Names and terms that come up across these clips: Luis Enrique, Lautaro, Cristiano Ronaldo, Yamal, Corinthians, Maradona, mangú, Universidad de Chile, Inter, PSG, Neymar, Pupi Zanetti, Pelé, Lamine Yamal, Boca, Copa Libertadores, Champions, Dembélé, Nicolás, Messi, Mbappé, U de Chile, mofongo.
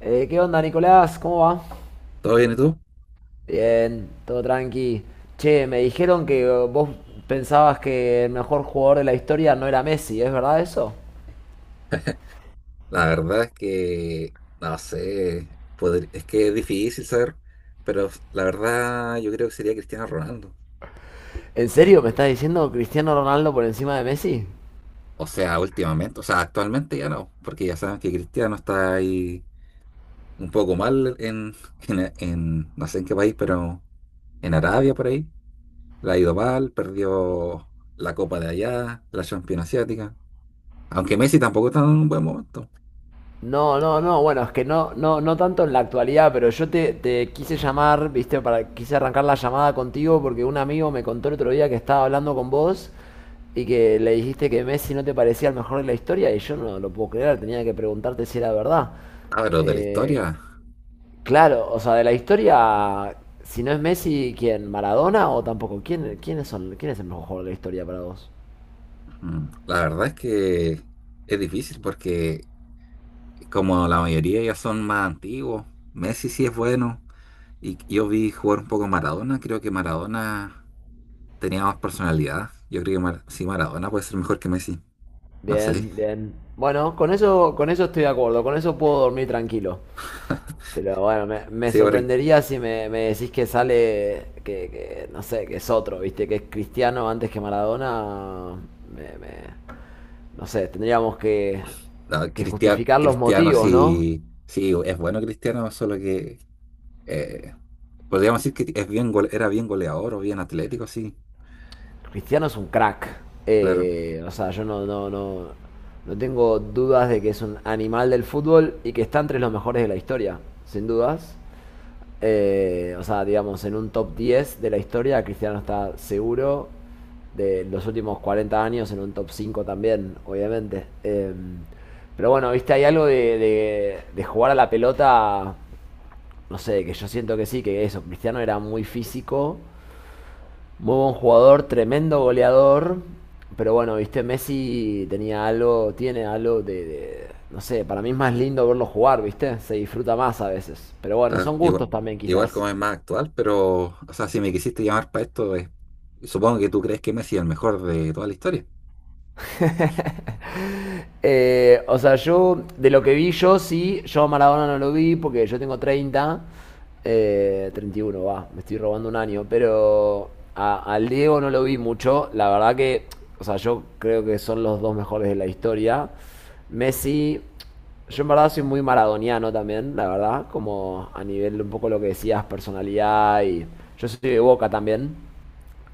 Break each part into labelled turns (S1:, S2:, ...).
S1: ¿Qué onda, Nicolás? ¿Cómo va?
S2: ¿Todo bien y tú?
S1: Bien, todo tranqui. Che, me dijeron que vos pensabas que el mejor jugador de la historia no era Messi, ¿es verdad eso?
S2: La verdad es que no sé, podr- es que es difícil saber, pero la verdad yo creo que sería Cristiano Ronaldo.
S1: ¿En serio me estás diciendo Cristiano Ronaldo por encima de Messi?
S2: O sea, últimamente, o sea, actualmente ya no, porque ya saben que Cristiano está ahí un poco mal en, en- no sé en qué país, pero en Arabia por ahí. La ha ido mal, perdió la Copa de allá, la Champions Asiática. Aunque Messi tampoco está en un buen momento.
S1: No, no, no, bueno, es que no tanto en la actualidad, pero yo te quise llamar, viste, quise arrancar la llamada contigo porque un amigo me contó el otro día que estaba hablando con vos y que le dijiste que Messi no te parecía el mejor de la historia y yo no lo puedo creer, tenía que preguntarte si era verdad.
S2: Ah, pero de la
S1: Eh,
S2: historia,
S1: claro, o sea, de la historia, si no es Messi, ¿quién? ¿Maradona o tampoco? Quién es el mejor jugador de la historia para vos?
S2: la verdad es que es difícil porque como la mayoría ya son más antiguos, Messi sí es bueno. Y yo vi jugar un poco Maradona. Creo que Maradona tenía más personalidad. Yo creo que Mar- sí, Maradona puede ser mejor que Messi. No sé.
S1: Bien, bien. Bueno, con eso estoy de acuerdo, con eso puedo dormir tranquilo. Pero bueno, me
S2: Sí, porque
S1: sorprendería si me decís que sale, que no sé, que es otro, ¿viste? Que es Cristiano antes que Maradona. Me, me- no sé, tendríamos
S2: no,
S1: que
S2: Cristiano,
S1: justificar los
S2: Cristiano
S1: motivos, ¿no?
S2: sí, sí es bueno Cristiano, solo que eh, podríamos decir que es bien gole- era bien goleador o bien atlético, sí.
S1: Cristiano es un crack.
S2: Claro,
S1: O sea, yo no tengo dudas de que es un animal del fútbol y que está entre los mejores de la historia, sin dudas. O sea, digamos, en un top 10 de la historia, Cristiano está seguro. De los últimos 40 años, en un top 5 también, obviamente. Pero bueno, viste, hay algo de jugar a la pelota, no sé, que yo siento que sí, que eso, Cristiano era muy físico, muy buen jugador, tremendo goleador. Pero bueno, viste, Messi tenía algo, tiene algo no sé, para mí es más lindo verlo jugar, viste, se disfruta más a veces. Pero bueno,
S2: claro.
S1: son
S2: Igual,
S1: gustos también
S2: igual
S1: quizás.
S2: como es más actual, pero, o sea, si me quisiste llamar para esto, supongo que tú crees que Messi es el mejor de toda la historia.
S1: O sea, yo, de lo que vi yo, sí, yo a Maradona no lo vi porque yo tengo 31 va, me estoy robando un año, pero al Diego no lo vi mucho, la verdad que, o sea, yo creo que son los dos mejores de la historia. Messi, yo en verdad soy muy maradoniano también, la verdad, como a nivel un poco lo que decías, personalidad y yo soy de Boca también.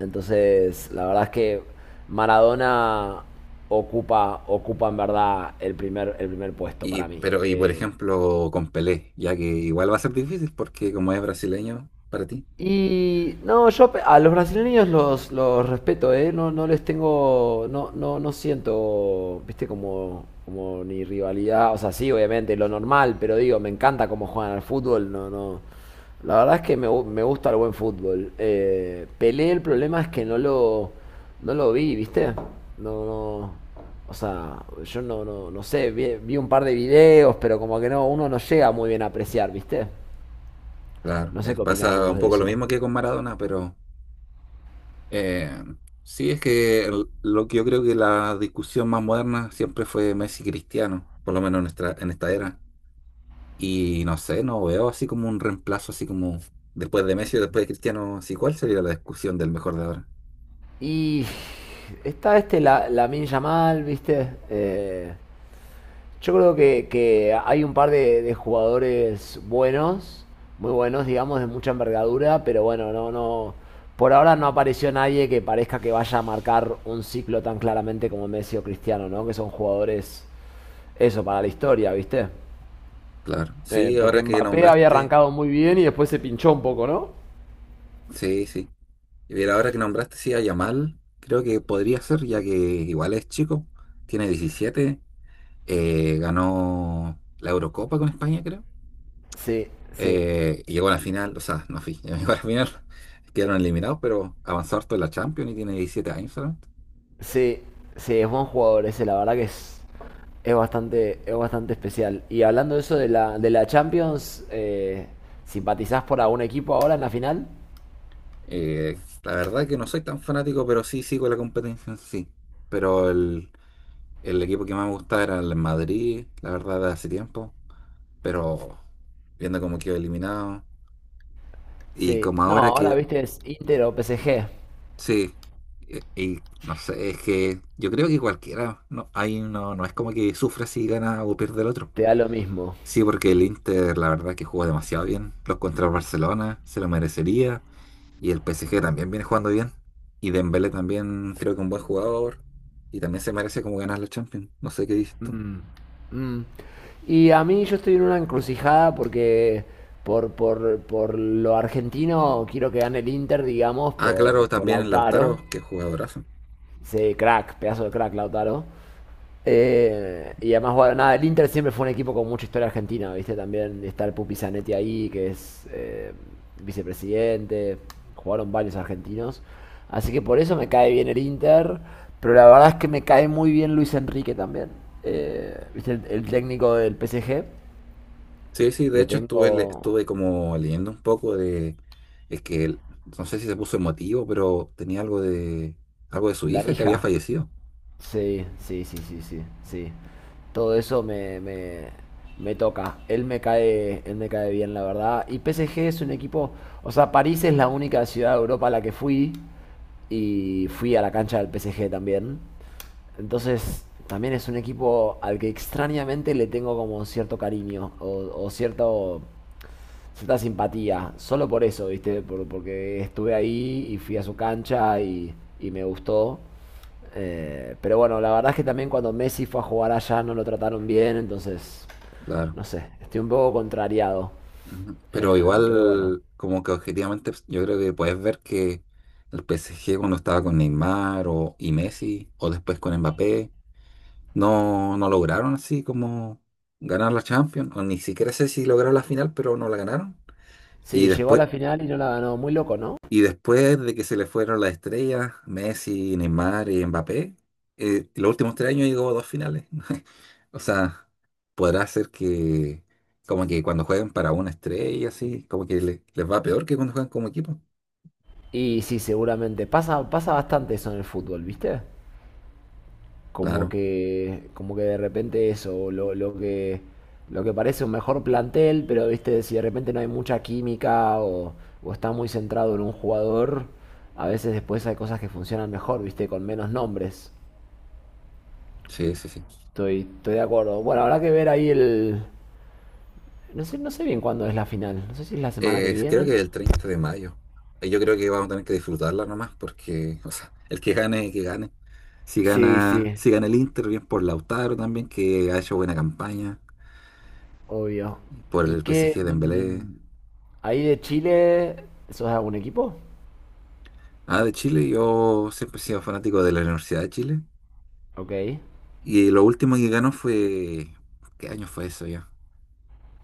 S1: Entonces, la verdad es que Maradona ocupa en verdad el primer puesto
S2: Y,
S1: para mí.
S2: pero, y por ejemplo, con Pelé, ya que igual va a ser difícil porque como es brasileño para ti,
S1: Y no, a los brasileños los respeto, ¿eh? No, no les tengo, no siento, viste, como ni rivalidad, o sea, sí, obviamente, lo normal, pero digo, me encanta cómo juegan al fútbol, no, no. La verdad es que me gusta el buen fútbol. Pelé, el problema es que no lo vi, viste, no, no. O sea, yo no sé, vi un par de videos, pero como que no, uno no llega muy bien a apreciar, ¿viste?
S2: claro,
S1: No sé
S2: es-
S1: qué opinás
S2: pasa
S1: vos
S2: un
S1: de
S2: poco lo
S1: eso.
S2: mismo que con Maradona, pero eh, sí es que el- lo que yo creo que la discusión más moderna siempre fue Messi Cristiano, por lo menos en nuestra, en esta era. Y no sé, no veo así como un reemplazo, así como después de Messi o después de Cristiano, sí, ¿cuál sería la discusión del mejor de ahora?
S1: Y está Lamine Yamal, ¿viste? Yo creo que hay un par de jugadores buenos, muy buenos, digamos, de mucha envergadura, pero bueno, no, no. Por ahora no apareció nadie que parezca que vaya a marcar un ciclo tan claramente como Messi o Cristiano, ¿no? Que son jugadores, eso, para la historia, ¿viste?
S2: Claro, sí,
S1: Porque
S2: ahora que
S1: Mbappé había
S2: nombraste,
S1: arrancado muy bien y después se pinchó un poco, ¿no?
S2: sí, sí. Y ver ahora que nombraste, sí, a Yamal, creo que podría ser, ya que igual es chico, tiene 17, ganó la Eurocopa con España, creo.
S1: Sí, sí.
S2: Y llegó a la final, o sea, no fui, llegó a la final, quedaron eliminados, pero avanzó harto en la Champions y tiene 17 años solamente.
S1: Sí, sí, es buen jugador ese, la verdad que es bastante especial. Y hablando de eso de la Champions, ¿simpatizás por algún equipo ahora en la final?
S2: La verdad que no soy tan fanático, pero sí sigo la competencia en sí. Pero el equipo que más me gustaba era el Madrid, la verdad, de hace tiempo, pero viendo cómo quedó eliminado. Y
S1: Sí,
S2: como
S1: no,
S2: ahora
S1: ahora
S2: que
S1: viste es Inter o PSG,
S2: sí, e- y, no sé, es que yo creo que cualquiera, no, ahí no, no es como que sufra si gana o pierde el otro.
S1: te da lo mismo.
S2: Sí, porque el Inter, la verdad que jugó demasiado bien. Los contra el Barcelona se lo merecería. Y el PSG también viene jugando bien. Y Dembélé también creo que un buen jugador. Y también se merece como ganar la Champions. No sé qué dices tú.
S1: Mm. Y a mí yo estoy en una encrucijada porque por lo argentino quiero que gane el Inter, digamos,
S2: Ah, claro,
S1: por
S2: también
S1: Lautaro.
S2: Lautaro, que jugadorazo.
S1: Sí, crack, pedazo de crack, Lautaro. Y además, bueno, nada, el Inter siempre fue un equipo con mucha historia argentina, ¿viste? También está el Pupi Zanetti ahí, que es vicepresidente, jugaron varios argentinos. Así que por eso me cae bien el Inter, pero la verdad es que me cae muy bien Luis Enrique también. ¿Viste? El técnico del PSG,
S2: Sí, sí, de
S1: le
S2: hecho estuve, le-
S1: tengo
S2: estuve como leyendo un poco de, es que él- no sé si se puso emotivo, pero tenía algo de su
S1: la
S2: hija que había
S1: hija.
S2: fallecido,
S1: Sí, sí, sí, sí, sí, sí. Todo eso me toca. Él me cae bien, la verdad. Y PSG es un equipo, o sea, París es la única ciudad de Europa a la que fui y fui a la cancha del PSG también. Entonces, también es un equipo al que extrañamente le tengo como cierto cariño o cierto cierta simpatía, solo por eso, ¿viste? Porque estuve ahí y fui a su cancha y me gustó. Pero bueno, la verdad es que también cuando Messi fue a jugar allá no lo trataron bien, entonces,
S2: claro.
S1: no sé, estoy un poco contrariado.
S2: Ujú. Pero
S1: Pero bueno,
S2: igual, como que objetivamente, pues, yo creo que puedes ver que el PSG cuando estaba con Neymar o, y Messi, o después con Mbappé, no, no lograron así como ganar la Champions, o ni siquiera sé si lograron la final, pero no la ganaron. Y
S1: sí, llegó a
S2: después,
S1: la final y no la ganó, muy loco, ¿no?
S2: y después de que se le fueron las estrellas, Messi, Neymar y Mbappé, los últimos tres años llegó a dos finales. O sea, podrá ser que como que cuando juegan para una estrella, así, como que le- les va peor que cuando juegan como equipo.
S1: Y sí, seguramente, pasa, pasa bastante eso en el fútbol, ¿viste? Como
S2: Claro,
S1: que, como que de repente eso, lo que parece un mejor plantel, pero viste, si de repente no hay mucha química o está muy centrado en un jugador, a veces después hay cosas que funcionan mejor, viste, con menos nombres.
S2: sí, sí, sí.
S1: Estoy, estoy de acuerdo. Bueno, habrá que ver ahí el... No sé, no sé bien cuándo es la final. No sé si es la semana que
S2: Creo
S1: viene.
S2: que el 30 de mayo. Yo creo que vamos a tener que disfrutarla nomás, porque, o sea, el que gane, que gane. Si
S1: Sí,
S2: gana,
S1: sí,
S2: si gana el Inter, bien por Lautaro también, que ha hecho buena campaña,
S1: obvio.
S2: por
S1: ¿Y
S2: el PSG
S1: qué?
S2: de Dembélé.
S1: Mm, ¿ahí de Chile, sos de algún equipo?
S2: Ah, de Chile, yo siempre he sido fanático de la Universidad de Chile.
S1: Ok.
S2: Y lo último que ganó fue... ¿Qué año fue eso ya?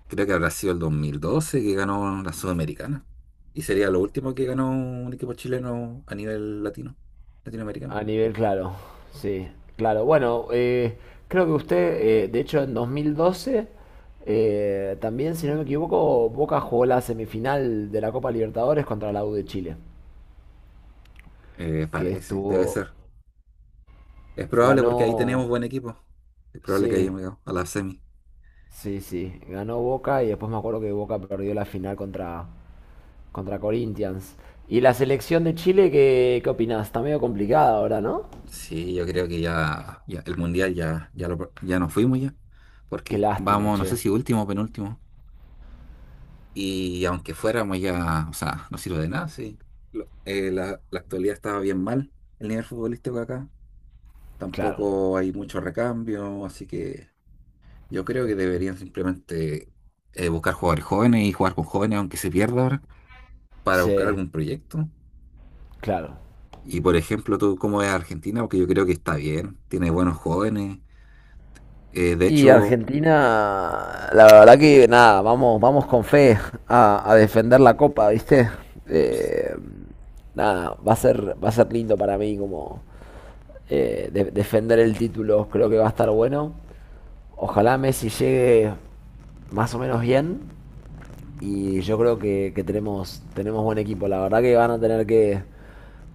S2: Creo que habrá sido el 2012 que ganó la Sudamericana. Y sería lo último que ganó un equipo chileno a nivel latino, latinoamericano.
S1: A nivel, claro, sí, claro. Bueno, creo que usted, de hecho, en 2012, también, si no me equivoco, Boca jugó la semifinal de la Copa Libertadores contra la U de Chile, que
S2: Parece, debe
S1: estuvo,
S2: ser. Es probable porque ahí
S1: ganó,
S2: tenemos buen equipo. Es probable que
S1: sí,
S2: hayamos llegado a la semi.
S1: sí, sí, ganó Boca y después me acuerdo que Boca perdió la final contra Corinthians. Y la selección de Chile, ¿qué, qué opinás? Está medio complicada ahora, ¿no?
S2: Sí, yo creo que ya, ya el mundial ya, ya, lo, ya nos fuimos ya.
S1: Qué
S2: Porque
S1: lástima,
S2: vamos, no sé
S1: che.
S2: si último o penúltimo. Y aunque fuéramos ya, o sea, no sirve de nada, sí. Lo- la, la actualidad estaba bien mal, el nivel futbolístico acá.
S1: Claro.
S2: Tampoco hay mucho recambio, así que yo creo que deberían simplemente buscar jugadores jóvenes y jugar con jóvenes, aunque se pierda ahora, para buscar
S1: Sí,
S2: algún proyecto.
S1: claro.
S2: Y por ejemplo, tú, ¿cómo ves a Argentina? Porque yo creo que está bien, tiene buenos jóvenes. De
S1: Y
S2: hecho,
S1: Argentina, la verdad que nada, vamos, vamos con fe a defender la copa, ¿viste? Eh, nada, va a ser lindo para mí como defender el título, creo que va a estar bueno. Ojalá Messi llegue más o menos bien y yo creo que tenemos, tenemos buen equipo. La verdad que van a tener que,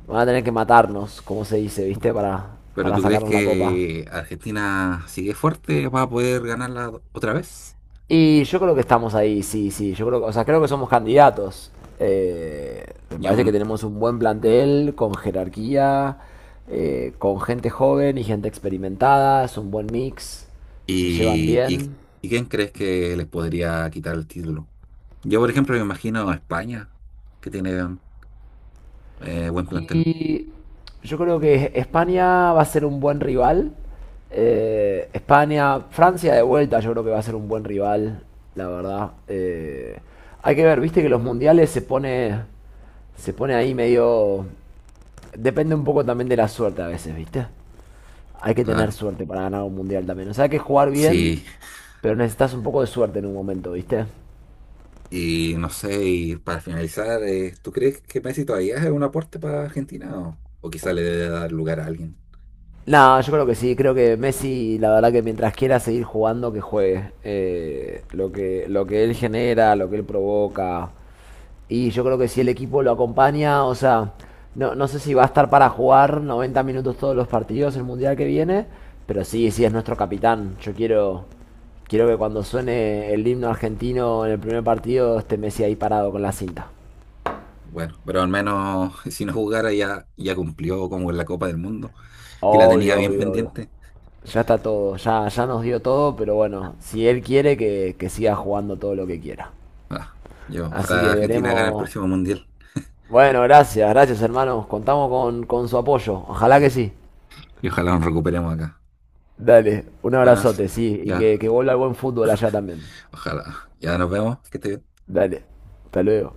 S1: van a tener que matarnos, como se dice, ¿viste?
S2: ¿pero
S1: Para
S2: tú crees
S1: sacarnos la copa.
S2: que Argentina sigue fuerte? ¿Va a poder ganarla otra vez?
S1: Y yo creo que estamos ahí, sí, sí. Yo creo, o sea, creo que somos candidatos. Eh, me parece
S2: Yo
S1: que tenemos un buen plantel con jerarquía, con gente joven y gente experimentada. Es un buen mix. Se llevan
S2: ¿y,
S1: bien.
S2: y quién crees que les podría quitar el título? Yo, por ejemplo, me imagino a España, que tiene buen plantel,
S1: Y yo creo que España va a ser un buen rival. España, Francia de vuelta, yo creo que va a ser un buen rival, la verdad. Hay que ver, viste que los mundiales se pone ahí medio. Depende un poco también de la suerte a veces, ¿viste? Hay que tener
S2: claro.
S1: suerte para ganar un mundial también. O sea, hay que jugar bien,
S2: Sí,
S1: pero necesitas un poco de suerte en un momento, ¿viste?
S2: y no sé, y para finalizar, ¿tú crees que Messi todavía es un aporte para Argentina o quizá le debe dar lugar a alguien?
S1: Nada, yo creo que sí, creo que Messi, la verdad que mientras quiera seguir jugando, que juegue. Lo que él genera, lo que él provoca, y yo creo que si el equipo lo acompaña, o sea, no, no sé si va a estar para jugar 90 minutos todos los partidos el mundial que viene, pero sí, sí es nuestro capitán. Yo quiero, quiero que cuando suene el himno argentino en el primer partido esté Messi ahí parado con la cinta.
S2: Bueno, pero al menos si no jugara ya, ya cumplió como en la Copa del Mundo y la tenía
S1: Obvio,
S2: bien
S1: obvio, obvio.
S2: pendiente.
S1: Ya está todo, ya, ya nos dio todo, pero bueno, si él quiere que siga jugando todo lo que quiera.
S2: Ah, yo,
S1: Así
S2: ojalá
S1: que
S2: Argentina gane el
S1: veremos.
S2: próximo Mundial
S1: Bueno, gracias, gracias hermanos. Contamos con su apoyo. Ojalá que
S2: sí,
S1: sí.
S2: y ojalá nos recuperemos acá.
S1: Dale, un
S2: Buenas,
S1: abrazote, sí, y
S2: ya.
S1: que vuelva el buen fútbol allá también.
S2: Ojalá. Ya nos vemos. Que estés bien.
S1: Dale, hasta luego.